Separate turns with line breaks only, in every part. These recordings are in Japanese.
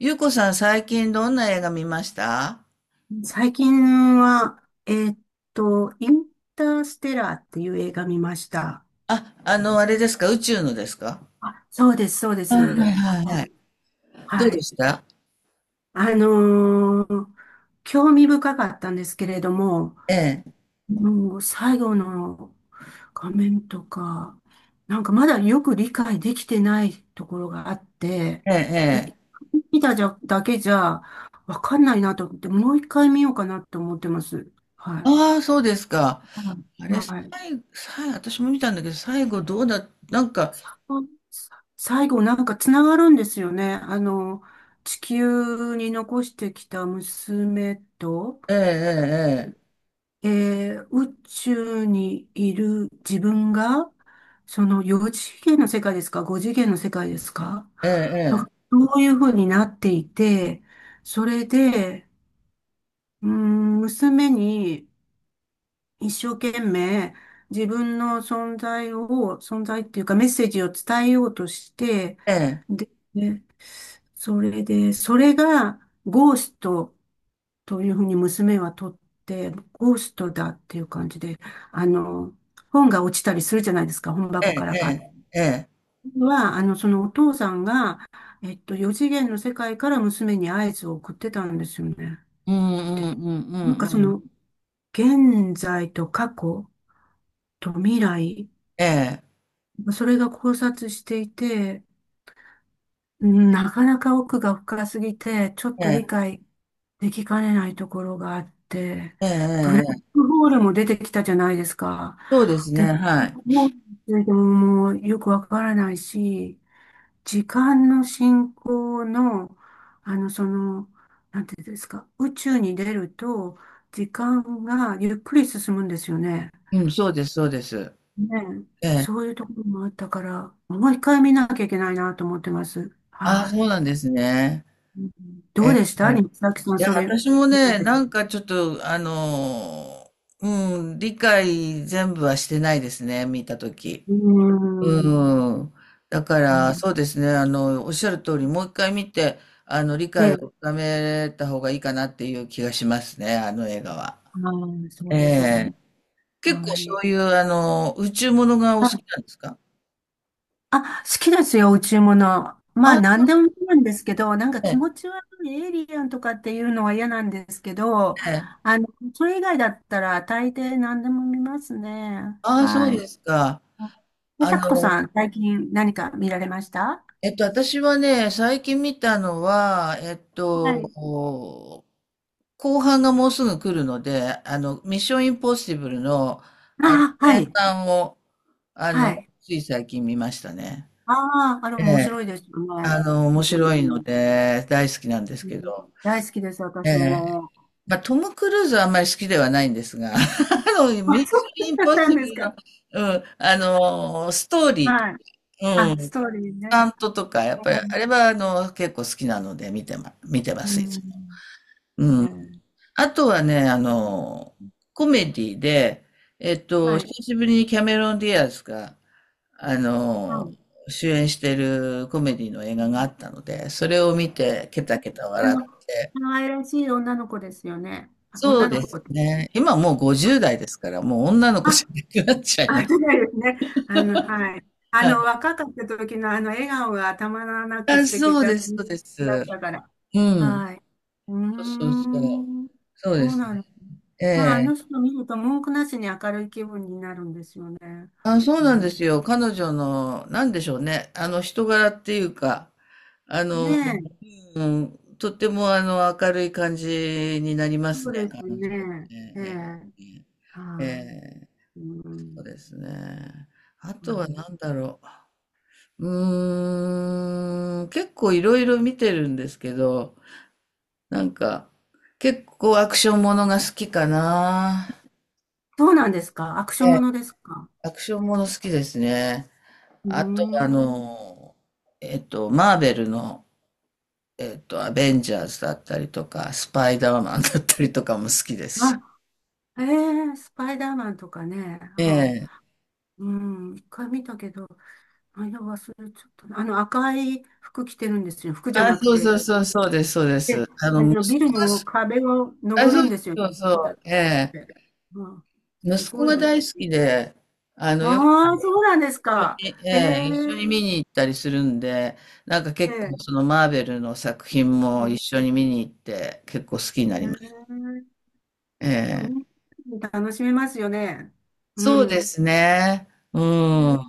ゆうこさん、最近どんな映画見ました？
最近は、インターステラーっていう映画見ました。
あ、あれですか？宇宙のですか？
あ、そうです、そうで
はい
す。
はい
は
はい。
い。
どう
は
で
い。
した？
あのー興味深かったんですけれども、
ええ、
もう最後の画面とか、なんかまだよく理解できてないところがあって、
ええ、
一
ええ。
回見ただけじゃわかんないなと思って、もう一回見ようかなと思ってます。はい。
ああ、そうですか。
は
あ
い。
れ、
はい
最後、最後、私も見たんだけど、最後どうだ、なんか、
最後なんかつながるんですよね。地球に残してきた娘と、
ええ、
宇宙にいる自分が、その4次元の世界ですか？ 5 次元の世界ですか？
ええ、
なん
え
か
え、
そういうふうになっていて、それで、うーん、娘に一生懸命自分の存在を、存在っていうかメッセージを伝えようとして、
ええ、
でそれで、それがゴーストというふうに娘は取って、ゴーストだっていう感じで、あの、本が落ちたりするじゃないですか、本
ええ、
箱か
え
らパ
え、ええ、ええ、
ッ。は、あの、そのお父さんが、四次元の世界から娘に合図を送ってたんですよね。
うんう
で、
んうんう
なんか
ん
そ
うん。
の、現在と過去と未来、
ええ、
それが交錯していて、うんなかなか奥が深すぎて、ちょっ
え
と理
え、
解できかねないところがあって、
え
ブラ
え、
ッ
ええ、
クホールも出てきたじゃないですか。
そうです
で、
ね、
ブラ
は
ッ
い。
クホールについてももうよくわからないし、時間の進行の、あの、その、なんていうんですか、宇宙に出ると、時間がゆっくり進むんですよね。
うん、そうです、そうです。
ねえ、
ええ、
そういうところもあったから、もう一回見なきゃいけないなと思ってます。
ああ、
は
そう
い。
なんですね。
うんど
え
う
え、
でした、西崎さん、
いや、
それ？ね
私もね、なんかちょっと、ー、うん、理解全部はしてないですね、見たとき。
うーん。
うん。だから、そうですね、おっしゃる通り、もう一回見て、理解を
で、
深めた方がいいかなっていう気がしますね、あの映画は。
そ
え
うです
え。
ね。
結構
は
そ
い。
ういう、宇宙ものがお
は
好き
い
なんですか？
あ、好きですよ、宇宙物。まあ、
あ、そ
何
う
で
なん
もいいんですけど、なんか
です
気
ね。
持ち悪いエイリアンとかっていうのは嫌なんですけど、
ええ。
それ以外だったら大抵何でも見ますね。
ああ、そう
はい。
ですか。
で、
あ
さこ
の、
さん、最近何か見られました？
私はね、最近見たのは、
はい。
後半がもうすぐ来るので、ミッションインポッシブルの、
あは
前
い。
半を、あ
は
の、
い。
つい最近見ましたね。
ああ、あれ
え
面
え、
白いですよね。
面
う
白いの
ん
で、大好きなんです
う
け
ん
ど、
大好きです、
え
私
え、
も。
まあ、トム・クルーズはあんまり好きではないんですが、ミ
あ、
ッ
そ
シ
う
ョンイン
だ
ポ
っ
ッ
た
シ
ん
ブ
です
ル
か。
の、うん、ストーリー、
はい。
う
あ、ス
ん、
トーリー
タン
ね。
トとか、やっ
う
ぱり、
ん。
あれは結構好きなので見てます、いつも。
うん
うん。
ええ
あとはね、コメディで、
はい。
久しぶりにキャメロン・ディアスが、あ
う
の、
ん。
主演してるコメディの映画があったので、それを見て、ケタケタ
あ
笑っ
の、可
て、
愛らしい女の子ですよね。あ
そう
女の
で
子
す
って言ったね。
ね。今もう50代ですから、もう女の子じ
あ、
ゃなくなっちゃいま
あ、
す。
そうですね。はい。あ
はい。
の、若かった時のあの笑顔がたまらなく
あ、
素敵
そうです、そうです。
だったから。
うん。
はい。うー
そうそうそう。
ん。
そう
そ
で
う
す
な
ね。
の。
え
まあ、あ
え。
の人見ると文句なしに明るい気分になるんですよね。
あ、そう
う
なんで
ん。
すよ。彼女の、なんでしょうね。人柄っていうか、あ
ね
の、
え。
うん、とっても、明るい感じになります
そう
ね、
です
彼女の。
ね。ええ。
ええ、え
は
え、
い。う
そう
ん。
ですね。あとは何
う
だろう。うーん、結構いろいろ見てるんですけど、なんか、結構アクションものが好きかな。
そうなんですか？アクショ
え
ン
え、
ものですか？
アクションもの好きですね。
う
あと、
ーん。
マーベルの、アベンジャーズだったりとか、スパイダーマンだったりとかも好きですし。
あ、ええ、スパイダーマンとかね。
え
はあ、
え。
うん。一回見たけど、内容忘れちゃったな。あの赤い服着てるんですよ。服じゃ
あ、
なく
そうそう
て、
そう、そうです、そうです。
で、
息
ビル
子が。
の壁を
あ、
登
そう
るんですよね。
そうそ
ペタ
う、
っ
ええ。
て。うん。す
息子
ごい
が
です。
大好きで、よく
ああ、そうなんです
一緒
か。
に、え
へえ、
え、一緒に見に行ったりするんで、なんか
え
結構そ
え、
のマーベルの作品
ええ、
も
へ
一
え
緒に見に行って、結構好きになります。え
う
え。
ん楽しめますよね。う
そうで
ん。
すね。う
ね
ん。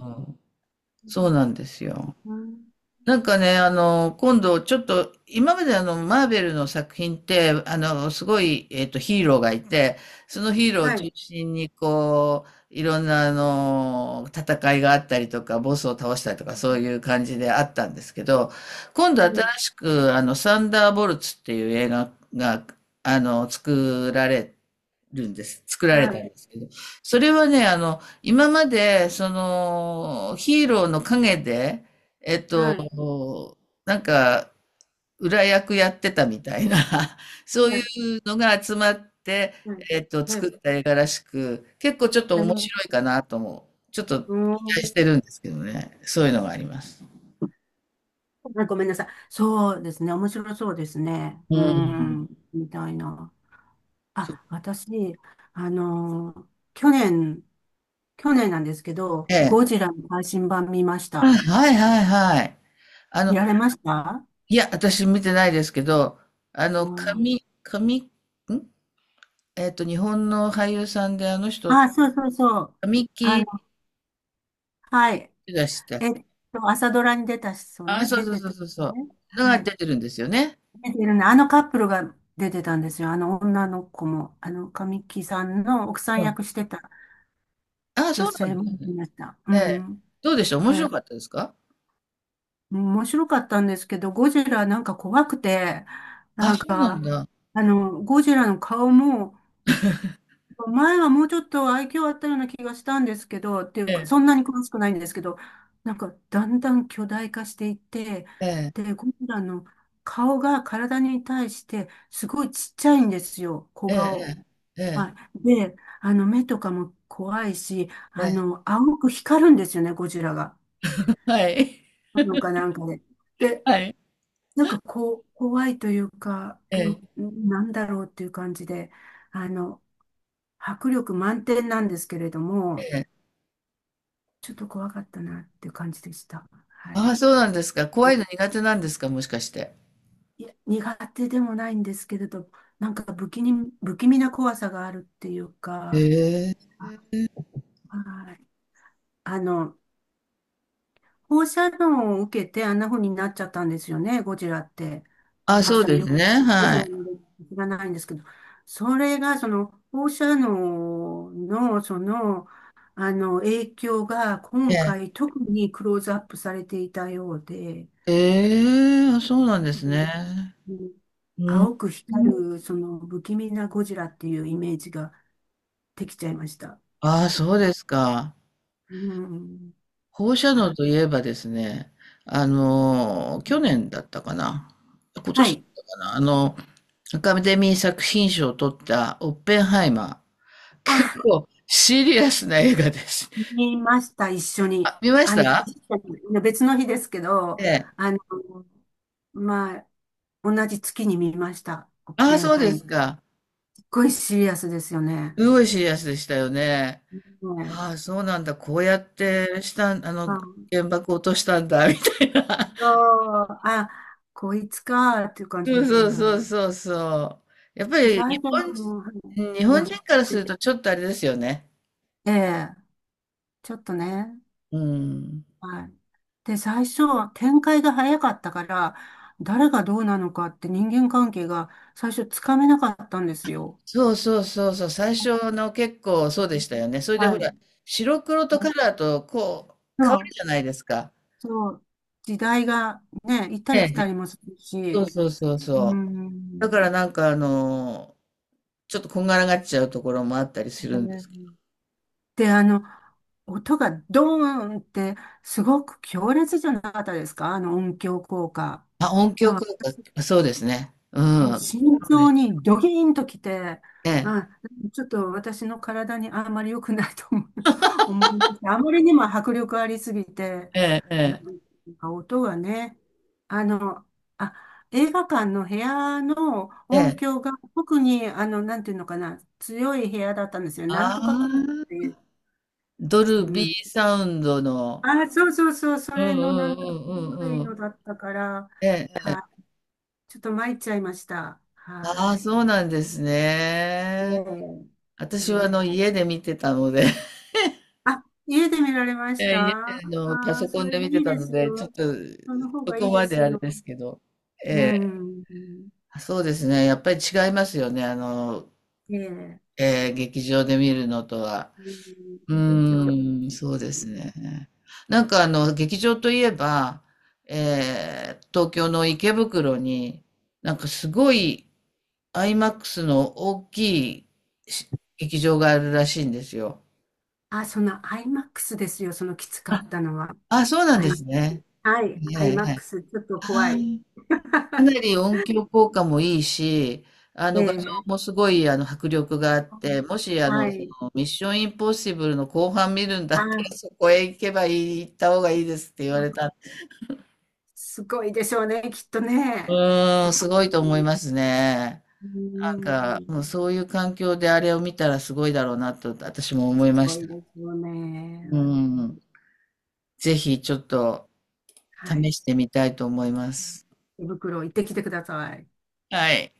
そうなんですよ。
うん、
なんかね、今度ちょっと、今までマーベルの作品って、すごい、ヒーローがいて、そのヒーローを
は
中
い、
心に、こう、いろんな、戦いがあったりとか、ボスを倒したりとか、そういう感じであったんですけど、今度
う
新
ん
しく、サンダーボルツっていう映画が、作られるんです。作られ
は
た
い、
んですけど。それはね、今まで、その、ヒーローの陰で、えっと、
はい、
なんか、裏役やってたみたいな、
は
そうい
い、
うのが集まって、
はい。え
作
え、
った映画らしく、結構ちょっと
あ
面
の、
白いかなとも、ちょっと
う
期待
ん。
してるんですけどね。そういうのがあります。
ごめんなさい。そうですね。面白そうですね。
う
うん。
ん。
みたいな。
そ
あ、私、あのー去年、去年なんですけど、
ええ。
ゴジラの配信版見まし
あ、
た。
はいはいはい。あ
見
の、
られました？
いや、私見てないですけど、
あ
神、ん日本の俳優さんで、あの人、
あ、そうそうそう。
神
あの、
木
はい。
出したっ
え
け？
っ朝ドラに出た人
あ、
ね、
そう
出
そう
て
そ
た
う
人
そうそ
ね。
う。のが
はい。
出てるんですよね。
出てるね。あのカップルが出てたんですよ。あの女の子も、神木さんの奥さん
うん。
役してた
あ、
女
そうなん
性
で
も
す
出て
ね。
ました。う
ええ。
ん。
どうでした？面
え
白かったですか？
面白かったんですけど、ゴジラなんか怖くて、
あ、
なん
そうなん
か、
だ。
ゴジラの顔も、前はもうちょっと愛嬌あったような気がしたんですけど、ってい
え
うか、そん
え、
なに詳しくないんですけど、なんか、だんだん巨大化していって、
ええ、
で、ゴジラの顔が体に対して、すごいちっちゃいんですよ、小
え
顔。
え、え
は
え、
い。で、目とかも怖いし、
ええ。
青く光るんですよね、ゴジラが。
はい。
あのかなんかで。で
はい。
なんかこう、怖いというか、
ええ、
なんだろうっていう感じで、あの、迫力満点なんですけれども、
ええ。
ちょっと怖かったなっていう感じでした。はい。
あ、そうなんですか。怖いの苦手なんですか？もしかして。
いや、苦手でもないんですけれど、なんか不気味な怖さがあるっていう
え
か、
え。
はい。あの、放射能を受けてあんな風になっちゃったんですよね、ゴジラって。あ
あ、そう
私、
で
よ
すね。
くゴジ
は
ラ
い。
の歴史知らないんですけど、それが、その、放射能の、その、影響が、
え
今
え。
回、特にクローズアップされていたようで、
ええ、あ、そうなんです
う
ね。
ん
うん。
青く光る、その、不気味なゴジラっていうイメージができちゃいました。
ああ、そ
う
う
ん、
ですか。
うん
放射
は
能
い。
といえばですね、去年だったかな。今
は
年だっ
い。
たかな。アカデミー作品賞を取ったオッペンハイマー。結
あ
構シリアスな映画です。
見ました、一緒に。
あ、見まし
あの、
た？
別の日ですけど、
ええ。
あの、まあ、同じ月に見ました。オッ
あ
ペ
あ、
ン
そう
ハイ
で
マー。
すか。
すっごいシリアスですよね。
すごいシリアスでしたよね。
ね
ああ、そうなんだ。こうやっ
え
てしたん、
あ、
原爆落としたんだ、みたいな。
そうあ、こいつかっていう感
そ
じで
う
した
そ
よ
う
ね。
そうそうそう。やっぱ
で、
り
最
日
初
本
はい
人、日
い
本
や、
人からするとちょっとあれですよね。
ええ、ちょっとね。
うん。
はい。で、最初、展開が早かったから、誰がどうなのかって人間関係が最初つかめなかったんですよ。
そうそうそうそう。最初の結構そうでしたよね。それでほ
は
ら、
い。
白黒とカラーとこう、
そ
変わる
う、
じゃないですか。
そう、時代がね、行ったり
ね、
来たりもする
そ
し、
うそうそう
う
そう。だか
ん。
らなんかちょっとこんがらがっちゃうところもあったりするんで
ね
すけど。
で、音がドーンってすごく強烈じゃなかったですか？あの音響効果。
まあ、音響
あ
効果、そうですね。う
もう慎
ん。
重にドキーンときて、
ええ、
あ、ちょっと私の体にあんまり良くないと思う、思いました。あまりにも迫力ありすぎて、
ええ、え
なん
え。
か音がね、あの、あ、映画館の部屋の
え
音
え、
響が特に、なんていうのかな、強い部屋だったんですよ。なん
あ
とかコートって
あ、
いう。
ドル
う
ビ
ん。
ーサウンドの、
あ、そうそうそう、そ
うんう
れのなんか
んうんう
古い
んう
の
ん。
だったから、
ええ、
はい。ちょっと参っちゃいました。
あ
は
あ、
い。
そうなんですね。
ねええ
私はあの
ー、
家で見てたので、
あ、家で見られま
え
した？
え、家で
あ
あのパ
あ
ソ
そ
コンで
れで
見て
いい
た
で
の
す
で、ちょ
よ。
っと
その方
そ
がいい
こ
で
まで
す
あれ
よ。
ですけど。
うん。
あ、そうですね。やっぱり違いますよね。
ええ、
ええ、劇場で見るのとは。
うん、
う
劇場。
ーん、そう
う
です
ん
ね。なんか劇場といえば、え東京の池袋に、なんかすごい IMAX の大きいし劇場があるらしいんですよ。
あ、その IMAX ですよ。そのきつかっ
あ、
たのは。
あ、そうなん
は
で
い。
すね。
は
は
い。
いはいはい。
IMAX、ちょっと怖
あ
い。
ーかな り音響効果もいいし、あ
え
の画像
え。
もすごい迫力があって、もし
は
そ
い。
のミッションインポッシブルの後半見るんだったら
あ、
そこへ行けばいい、行った方がいいですって言われたんで。
すごいでしょうね、きっと
う
ね。
ーん、す
う
ごいと思
ん、
いますね。
うん
なんか、もうそういう環境であれを見たらすごいだろうなと私も思
す
いま
ご
し
い
た。
ですよね。
うん。ぜひちょっと
はい。
試してみたいと思います。
手袋行ってきてください。
はい。